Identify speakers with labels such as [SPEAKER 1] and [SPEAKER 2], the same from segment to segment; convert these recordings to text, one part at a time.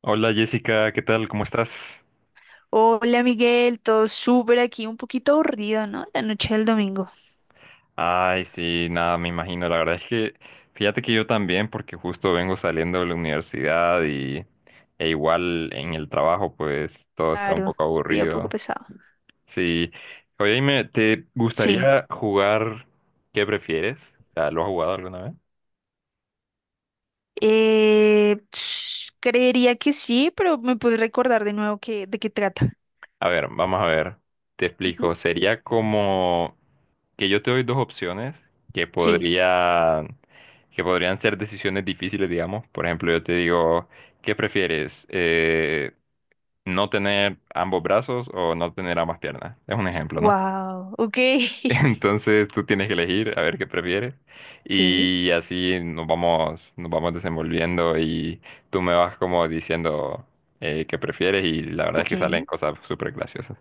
[SPEAKER 1] Hola Jessica, ¿qué tal? ¿Cómo estás?
[SPEAKER 2] Hola Miguel, todo súper aquí, un poquito aburrido, ¿no? La noche del domingo.
[SPEAKER 1] Ay, sí, nada, me imagino. La verdad es que fíjate que yo también, porque justo vengo saliendo de la universidad y e igual en el trabajo, pues todo está un
[SPEAKER 2] Claro,
[SPEAKER 1] poco
[SPEAKER 2] día un poco
[SPEAKER 1] aburrido.
[SPEAKER 2] pesado.
[SPEAKER 1] Sí. Oye, dime, ¿te
[SPEAKER 2] Sí.
[SPEAKER 1] gustaría jugar qué prefieres? O sea, ¿lo has jugado alguna vez?
[SPEAKER 2] Creería que sí, pero me puedes recordar de nuevo que, de qué trata.
[SPEAKER 1] A ver, vamos a ver. Te
[SPEAKER 2] Ujú.
[SPEAKER 1] explico. Sería como que yo te doy dos opciones que
[SPEAKER 2] Sí.
[SPEAKER 1] podrían, que podrían ser decisiones difíciles, digamos. Por ejemplo, yo te digo, ¿qué prefieres? ¿No tener ambos brazos o no tener ambas piernas? Es un ejemplo, ¿no?
[SPEAKER 2] Wow, ok.
[SPEAKER 1] Entonces tú tienes que elegir a ver qué prefieres
[SPEAKER 2] Sí,
[SPEAKER 1] y así nos vamos desenvolviendo y tú me vas como diciendo qué prefieres y la verdad es
[SPEAKER 2] ok.
[SPEAKER 1] que salen cosas súper graciosas.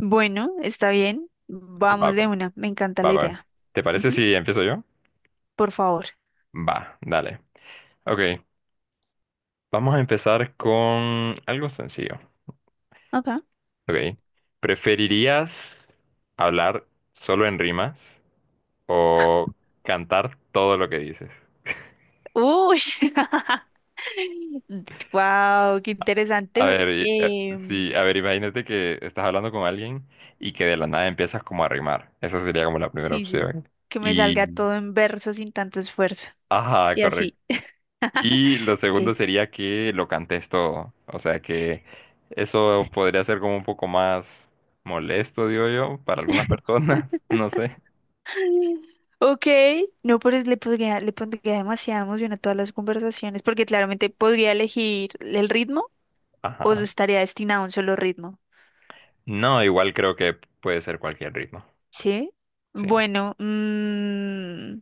[SPEAKER 2] Bueno, está bien. Vamos
[SPEAKER 1] Va,
[SPEAKER 2] de
[SPEAKER 1] pues,
[SPEAKER 2] una, me encanta la
[SPEAKER 1] va.
[SPEAKER 2] idea.
[SPEAKER 1] ¿Te parece
[SPEAKER 2] Ujú,
[SPEAKER 1] si empiezo yo?
[SPEAKER 2] por favor.
[SPEAKER 1] Va, dale. Ok. Vamos a empezar con algo sencillo.
[SPEAKER 2] Ok.
[SPEAKER 1] Ok. ¿Preferirías hablar solo en rimas o cantar todo lo que dices?
[SPEAKER 2] Uy, wow, qué
[SPEAKER 1] A
[SPEAKER 2] interesante.
[SPEAKER 1] ver, sí, a ver, imagínate que estás hablando con alguien y que de la nada empiezas como a rimar. Esa sería como la primera
[SPEAKER 2] Sí, sí.
[SPEAKER 1] opción.
[SPEAKER 2] Que me salga
[SPEAKER 1] Y,
[SPEAKER 2] todo en verso sin tanto esfuerzo.
[SPEAKER 1] ajá,
[SPEAKER 2] Y
[SPEAKER 1] correcto.
[SPEAKER 2] así.
[SPEAKER 1] Y lo segundo
[SPEAKER 2] Ok.
[SPEAKER 1] sería que lo cantes todo. O sea que eso podría ser como un poco más molesto, digo yo, para algunas personas. No sé.
[SPEAKER 2] Ok. No, pero le pondría demasiada emoción a todas las conversaciones, porque claramente podría elegir el ritmo o
[SPEAKER 1] Ajá.
[SPEAKER 2] estaría destinado a un solo ritmo.
[SPEAKER 1] No, igual creo que puede ser cualquier ritmo.
[SPEAKER 2] ¿Sí?
[SPEAKER 1] Sí.
[SPEAKER 2] Bueno,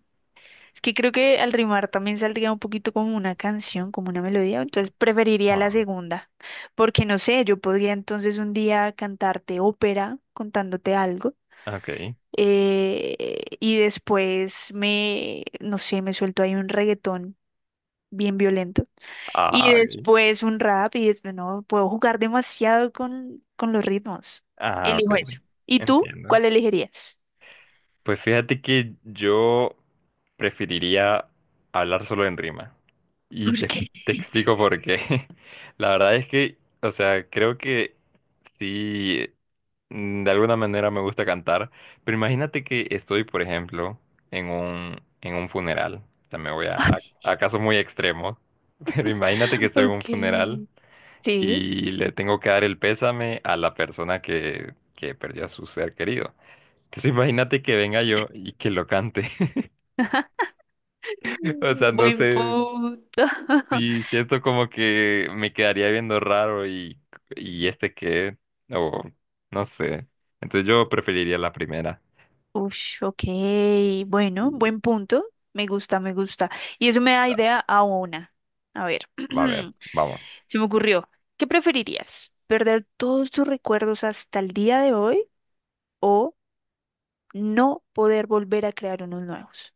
[SPEAKER 2] es que creo que al rimar también saldría un poquito como una canción, como una melodía, entonces preferiría la
[SPEAKER 1] Ah,
[SPEAKER 2] segunda, porque no sé, yo podría entonces un día cantarte ópera contándote algo.
[SPEAKER 1] ok.
[SPEAKER 2] Y después me, no sé, me suelto ahí un reggaetón bien violento. Y
[SPEAKER 1] Ah, ok.
[SPEAKER 2] después un rap y después, no, puedo jugar demasiado con los ritmos.
[SPEAKER 1] Ah,
[SPEAKER 2] Elijo
[SPEAKER 1] ok.
[SPEAKER 2] eso. ¿Y tú?
[SPEAKER 1] Entiendo.
[SPEAKER 2] ¿Cuál elegirías?
[SPEAKER 1] Pues fíjate que yo preferiría hablar solo en rima. Y
[SPEAKER 2] ¿Por
[SPEAKER 1] te,
[SPEAKER 2] qué?
[SPEAKER 1] te explico por qué. La verdad es que, o sea, creo que sí, de alguna manera me gusta cantar. Pero imagínate que estoy, por ejemplo, en un funeral. O sea, me voy a casos muy extremos. Pero imagínate que estoy en un
[SPEAKER 2] Ok,
[SPEAKER 1] funeral,
[SPEAKER 2] sí.
[SPEAKER 1] y le tengo que dar el pésame a la persona que perdió a su ser querido. Entonces imagínate que venga yo y que lo cante. O sea, no
[SPEAKER 2] Buen
[SPEAKER 1] sé
[SPEAKER 2] punto.
[SPEAKER 1] si siento como que me quedaría viendo raro y este qué o no sé. Entonces yo preferiría la primera.
[SPEAKER 2] Ush, ok,
[SPEAKER 1] Y,
[SPEAKER 2] bueno, buen punto. Me gusta, me gusta. Y eso me da
[SPEAKER 1] ah,
[SPEAKER 2] idea a una. A ver,
[SPEAKER 1] a ver, vamos.
[SPEAKER 2] se me ocurrió. ¿Qué preferirías? ¿Perder todos tus recuerdos hasta el día de hoy o no poder volver a crear unos nuevos?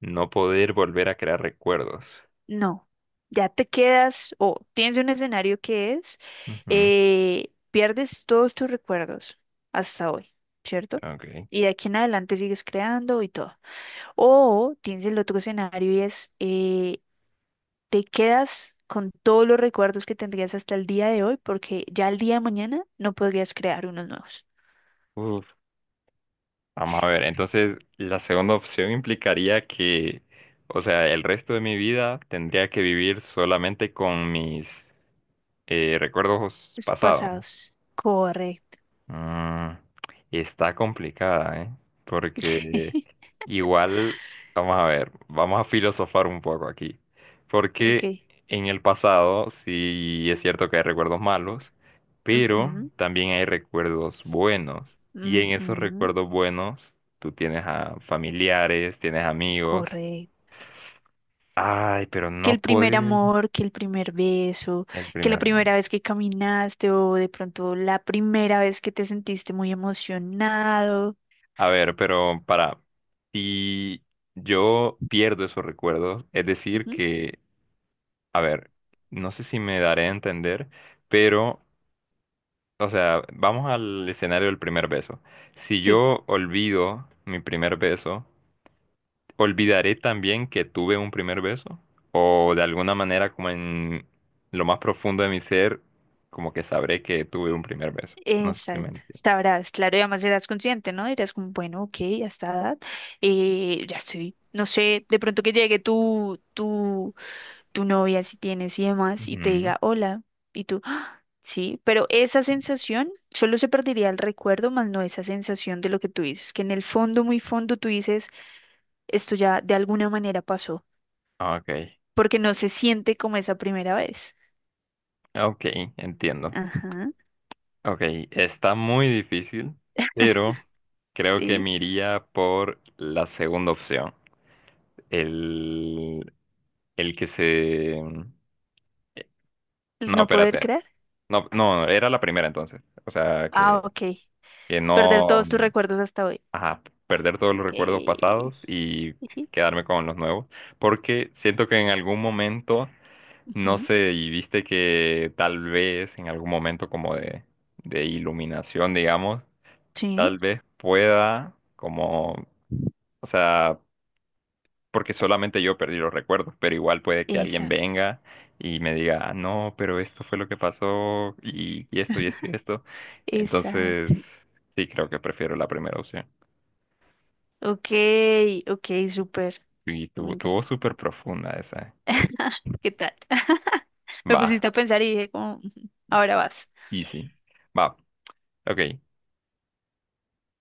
[SPEAKER 1] No poder volver a crear recuerdos.
[SPEAKER 2] No, ya te quedas o tienes un escenario que es,
[SPEAKER 1] Ujú,
[SPEAKER 2] pierdes todos tus recuerdos hasta hoy, ¿cierto?
[SPEAKER 1] ok.
[SPEAKER 2] Y de aquí en adelante sigues creando y todo. O tienes el otro escenario y es, te quedas con todos los recuerdos que tendrías hasta el día de hoy, porque ya el día de mañana no podrías crear unos nuevos.
[SPEAKER 1] Uf, vamos a ver, entonces la segunda opción implicaría que, o sea, el resto de mi vida tendría que vivir solamente con mis recuerdos
[SPEAKER 2] Los
[SPEAKER 1] pasados.
[SPEAKER 2] pasados. Correcto.
[SPEAKER 1] Mm, está complicada, ¿eh? Porque
[SPEAKER 2] Sí.
[SPEAKER 1] igual, vamos a ver, vamos a filosofar un poco aquí. Porque
[SPEAKER 2] Ok.
[SPEAKER 1] en el pasado sí es cierto que hay recuerdos malos, pero
[SPEAKER 2] Ujú,
[SPEAKER 1] también hay recuerdos buenos. Y en esos
[SPEAKER 2] ujú,
[SPEAKER 1] recuerdos buenos tú tienes a familiares, tienes amigos.
[SPEAKER 2] correcto.
[SPEAKER 1] Ay, pero
[SPEAKER 2] Que
[SPEAKER 1] no
[SPEAKER 2] el primer
[SPEAKER 1] puedes
[SPEAKER 2] amor, que el primer beso,
[SPEAKER 1] el
[SPEAKER 2] que la
[SPEAKER 1] primer amor.
[SPEAKER 2] primera vez que caminaste o de pronto la primera vez que te sentiste muy emocionado.
[SPEAKER 1] A ver, pero para, si yo pierdo esos recuerdos, es decir
[SPEAKER 2] Ujú,
[SPEAKER 1] que, a ver, no sé si me daré a entender, pero, o sea, vamos al escenario del primer beso. Si
[SPEAKER 2] sí.
[SPEAKER 1] yo olvido mi primer beso, ¿olvidaré también que tuve un primer beso? O de alguna manera, como en lo más profundo de mi ser, como que sabré que tuve un primer beso. No sé si me
[SPEAKER 2] Exacto,
[SPEAKER 1] entiendes.
[SPEAKER 2] sabrás, claro, y además serás consciente, ¿no? Dirás como, bueno, ok, a esta edad, ya estoy, no sé, de pronto que llegue tu novia, si tienes y demás, y te
[SPEAKER 1] Ujú.
[SPEAKER 2] diga, hola, y tú, "Ah, sí, pero esa sensación, solo se perdería el recuerdo, más no esa sensación de lo que tú dices, que en el fondo, muy fondo, tú dices, esto ya de alguna manera pasó,
[SPEAKER 1] Ok,
[SPEAKER 2] porque no se siente como esa primera vez.
[SPEAKER 1] ok, entiendo.
[SPEAKER 2] Ajá,
[SPEAKER 1] Ok, está muy difícil, pero creo que
[SPEAKER 2] sí,
[SPEAKER 1] me iría por la segunda opción. El, el que se...
[SPEAKER 2] el
[SPEAKER 1] No,
[SPEAKER 2] no poder
[SPEAKER 1] espérate.
[SPEAKER 2] creer.
[SPEAKER 1] No, era la primera entonces. O sea,
[SPEAKER 2] Ah, ok,
[SPEAKER 1] que
[SPEAKER 2] perder
[SPEAKER 1] no...
[SPEAKER 2] todos tus recuerdos hasta hoy.
[SPEAKER 1] Ajá, perder todos los
[SPEAKER 2] Ok.
[SPEAKER 1] recuerdos pasados y
[SPEAKER 2] Ujú,
[SPEAKER 1] quedarme con los nuevos. Porque siento que en algún momento, no
[SPEAKER 2] ujú.
[SPEAKER 1] sé, y viste que tal vez en algún momento como de iluminación, digamos.
[SPEAKER 2] Sí,
[SPEAKER 1] Tal vez pueda, como, o sea, porque solamente yo perdí los recuerdos, pero igual puede que alguien
[SPEAKER 2] esa,
[SPEAKER 1] venga y me diga, "Ah, no, pero esto fue lo que pasó y esto y esto y esto". Entonces,
[SPEAKER 2] exacto.
[SPEAKER 1] sí, creo que prefiero la primera opción.
[SPEAKER 2] Okay, okay, súper.
[SPEAKER 1] Y
[SPEAKER 2] Me
[SPEAKER 1] tuvo
[SPEAKER 2] encanta.
[SPEAKER 1] súper profunda esa.
[SPEAKER 2] ¿Qué tal? Me
[SPEAKER 1] Va,
[SPEAKER 2] pusiste a pensar y dije como, "Ujú, ahora
[SPEAKER 1] sí,
[SPEAKER 2] vas.
[SPEAKER 1] y sí. Va, ok,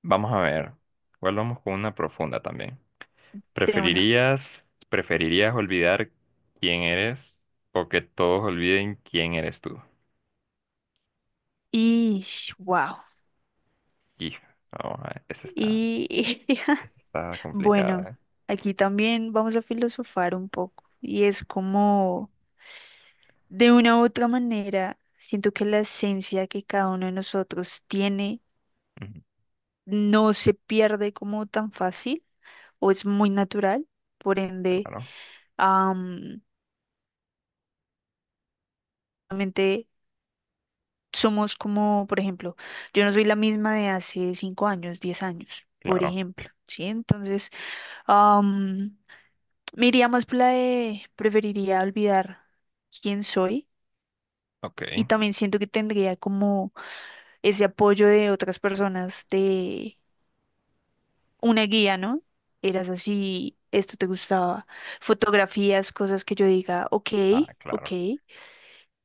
[SPEAKER 1] vamos a ver. Igual vamos con una profunda también.
[SPEAKER 2] De una.
[SPEAKER 1] ¿Preferirías olvidar quién eres o que todos olviden quién eres tú?
[SPEAKER 2] Y wow.
[SPEAKER 1] Y, vamos a ver, esa está,
[SPEAKER 2] Y
[SPEAKER 1] está complicada,
[SPEAKER 2] bueno,
[SPEAKER 1] ¿eh?
[SPEAKER 2] aquí también vamos a filosofar un poco. Y es como, de una u otra manera, siento que la esencia que cada uno de nosotros tiene
[SPEAKER 1] Ujú,
[SPEAKER 2] no se pierde como tan fácil o es muy natural, por ende,
[SPEAKER 1] Claro,
[SPEAKER 2] am, realmente somos como, por ejemplo, yo no soy la misma de hace 5 años, 10 años, por
[SPEAKER 1] claro.
[SPEAKER 2] ejemplo, ¿sí? Entonces, am, me iría más por la de preferiría olvidar quién soy
[SPEAKER 1] Ok.
[SPEAKER 2] y también siento que tendría como ese apoyo de otras personas, de una guía, ¿no? Eras así, esto te gustaba, fotografías, cosas que yo diga, ok,
[SPEAKER 1] Ah,
[SPEAKER 2] ok.
[SPEAKER 1] claro.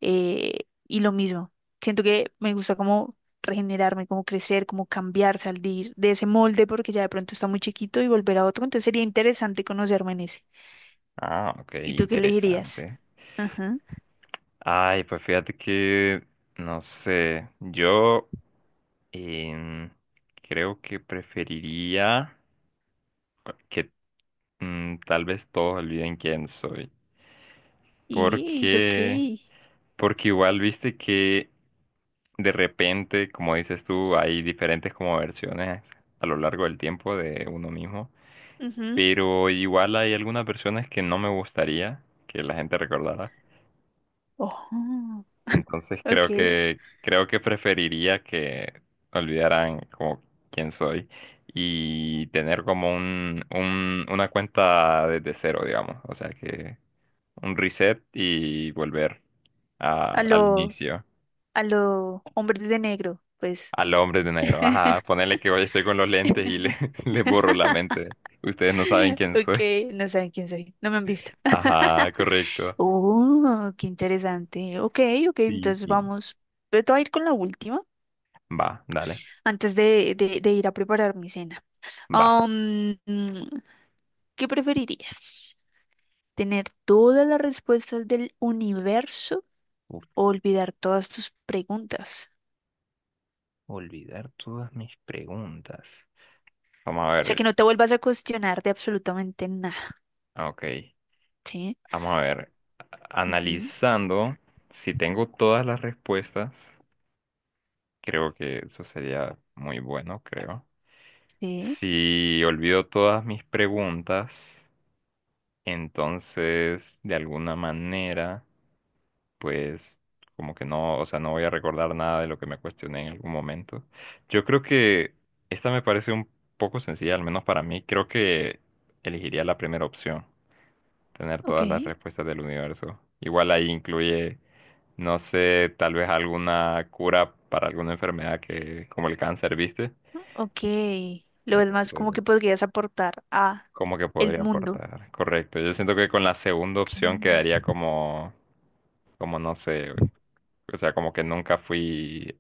[SPEAKER 2] Y lo mismo, siento que me gusta como regenerarme, como crecer, como cambiar, salir de ese molde porque ya de pronto está muy chiquito y volver a otro, entonces sería interesante conocerme en ese.
[SPEAKER 1] Ah, ok,
[SPEAKER 2] ¿Y tú qué elegirías?
[SPEAKER 1] interesante.
[SPEAKER 2] Ajá.
[SPEAKER 1] Ay, pues fíjate que, no sé, yo em, creo que preferiría que tal vez todos olviden quién soy.
[SPEAKER 2] Y ok.
[SPEAKER 1] Porque, porque igual viste que de repente, como dices tú, hay diferentes como versiones a lo largo del tiempo de uno mismo.
[SPEAKER 2] Ujú.
[SPEAKER 1] Pero igual hay algunas personas que no me gustaría que la gente recordara.
[SPEAKER 2] Ojo.
[SPEAKER 1] Entonces
[SPEAKER 2] Ok.
[SPEAKER 1] creo que preferiría que olvidaran como quién soy y tener como una cuenta desde cero, digamos. O sea que un reset y volver
[SPEAKER 2] A
[SPEAKER 1] al
[SPEAKER 2] lo,
[SPEAKER 1] inicio,
[SPEAKER 2] a lo hombres de negro, pues.
[SPEAKER 1] al hombre de negro. Ajá, ponerle que hoy estoy con los lentes y le, le borro la mente. Ustedes no saben quién
[SPEAKER 2] Ok,
[SPEAKER 1] soy.
[SPEAKER 2] no saben quién soy, no me han visto.
[SPEAKER 1] Ajá, correcto.
[SPEAKER 2] Oh, qué interesante. Ok, ok,
[SPEAKER 1] Sí,
[SPEAKER 2] entonces
[SPEAKER 1] sí.
[SPEAKER 2] vamos. Te voy a ir con la última
[SPEAKER 1] Va, dale,
[SPEAKER 2] antes de ir a preparar mi cena.
[SPEAKER 1] va.
[SPEAKER 2] Am, mm, ¿qué preferirías? ¿Tener todas las respuestas del universo
[SPEAKER 1] Uf,
[SPEAKER 2] o olvidar todas tus preguntas?
[SPEAKER 1] olvidar todas mis preguntas. Vamos a
[SPEAKER 2] O sea, que
[SPEAKER 1] ver.
[SPEAKER 2] no te vuelvas a cuestionar de absolutamente nada.
[SPEAKER 1] Ok,
[SPEAKER 2] Sí,
[SPEAKER 1] vamos a ver.
[SPEAKER 2] ujú,
[SPEAKER 1] Analizando, si tengo todas las respuestas, creo que eso sería muy bueno, creo.
[SPEAKER 2] sí,
[SPEAKER 1] Si olvido todas mis preguntas, entonces, de alguna manera... pues como que no, o sea, no voy a recordar nada de lo que me cuestioné en algún momento. Yo creo que esta me parece un poco sencilla, al menos para mí. Creo que elegiría la primera opción, tener
[SPEAKER 2] ok,
[SPEAKER 1] todas las respuestas del universo. Igual ahí incluye, no sé, tal vez alguna cura para alguna enfermedad que, como el cáncer, ¿viste?
[SPEAKER 2] ¿no? Ok. Lo es más como
[SPEAKER 1] Entonces,
[SPEAKER 2] que podrías aportar a
[SPEAKER 1] cómo que
[SPEAKER 2] el
[SPEAKER 1] podría
[SPEAKER 2] mundo.
[SPEAKER 1] aportar. Correcto. Yo siento que con la segunda
[SPEAKER 2] Ok.
[SPEAKER 1] opción quedaría como, como no sé, o sea, como que nunca fui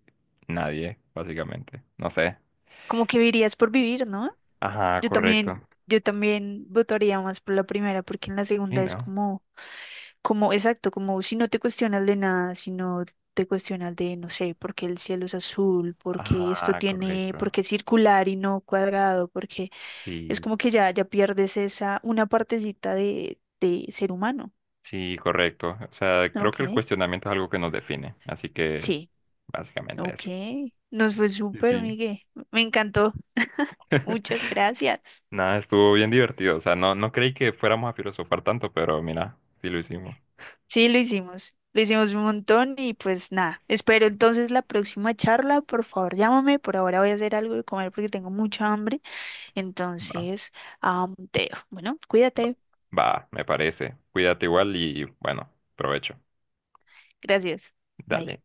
[SPEAKER 1] nadie, básicamente. No sé.
[SPEAKER 2] Como que vivirías por vivir, ¿no?
[SPEAKER 1] Ajá,
[SPEAKER 2] Yo
[SPEAKER 1] correcto.
[SPEAKER 2] también, yo también votaría más por la primera, porque en la
[SPEAKER 1] Sí,
[SPEAKER 2] segunda es
[SPEAKER 1] ¿no?
[SPEAKER 2] como, como, exacto, como si no te cuestionas de nada, si no te cuestionas de, no sé, por qué el cielo es azul, porque esto
[SPEAKER 1] Ajá,
[SPEAKER 2] tiene,
[SPEAKER 1] correcto.
[SPEAKER 2] porque es circular y no cuadrado, porque es
[SPEAKER 1] Sí,
[SPEAKER 2] como que ya, ya pierdes esa, una partecita de ser humano.
[SPEAKER 1] sí, correcto. O sea, creo
[SPEAKER 2] Ok,
[SPEAKER 1] que el cuestionamiento es algo que nos define, así que
[SPEAKER 2] sí,
[SPEAKER 1] básicamente
[SPEAKER 2] ok.
[SPEAKER 1] eso.
[SPEAKER 2] Nos fue
[SPEAKER 1] Sí,
[SPEAKER 2] súper,
[SPEAKER 1] sí.
[SPEAKER 2] Miguel. Me encantó. Muchas gracias.
[SPEAKER 1] Nada, estuvo bien divertido. O sea, no, no creí que fuéramos a filosofar tanto, pero mira, sí lo hicimos.
[SPEAKER 2] Sí, lo hicimos. Lo hicimos un montón y pues nada. Espero entonces la próxima charla. Por favor, llámame. Por ahora voy a hacer algo de comer porque tengo mucha hambre.
[SPEAKER 1] Va.
[SPEAKER 2] Entonces, te dejo. Bueno,
[SPEAKER 1] Va,
[SPEAKER 2] cuídate.
[SPEAKER 1] va, me parece. Cuídate igual y bueno, provecho.
[SPEAKER 2] Gracias. Bye.
[SPEAKER 1] Dale.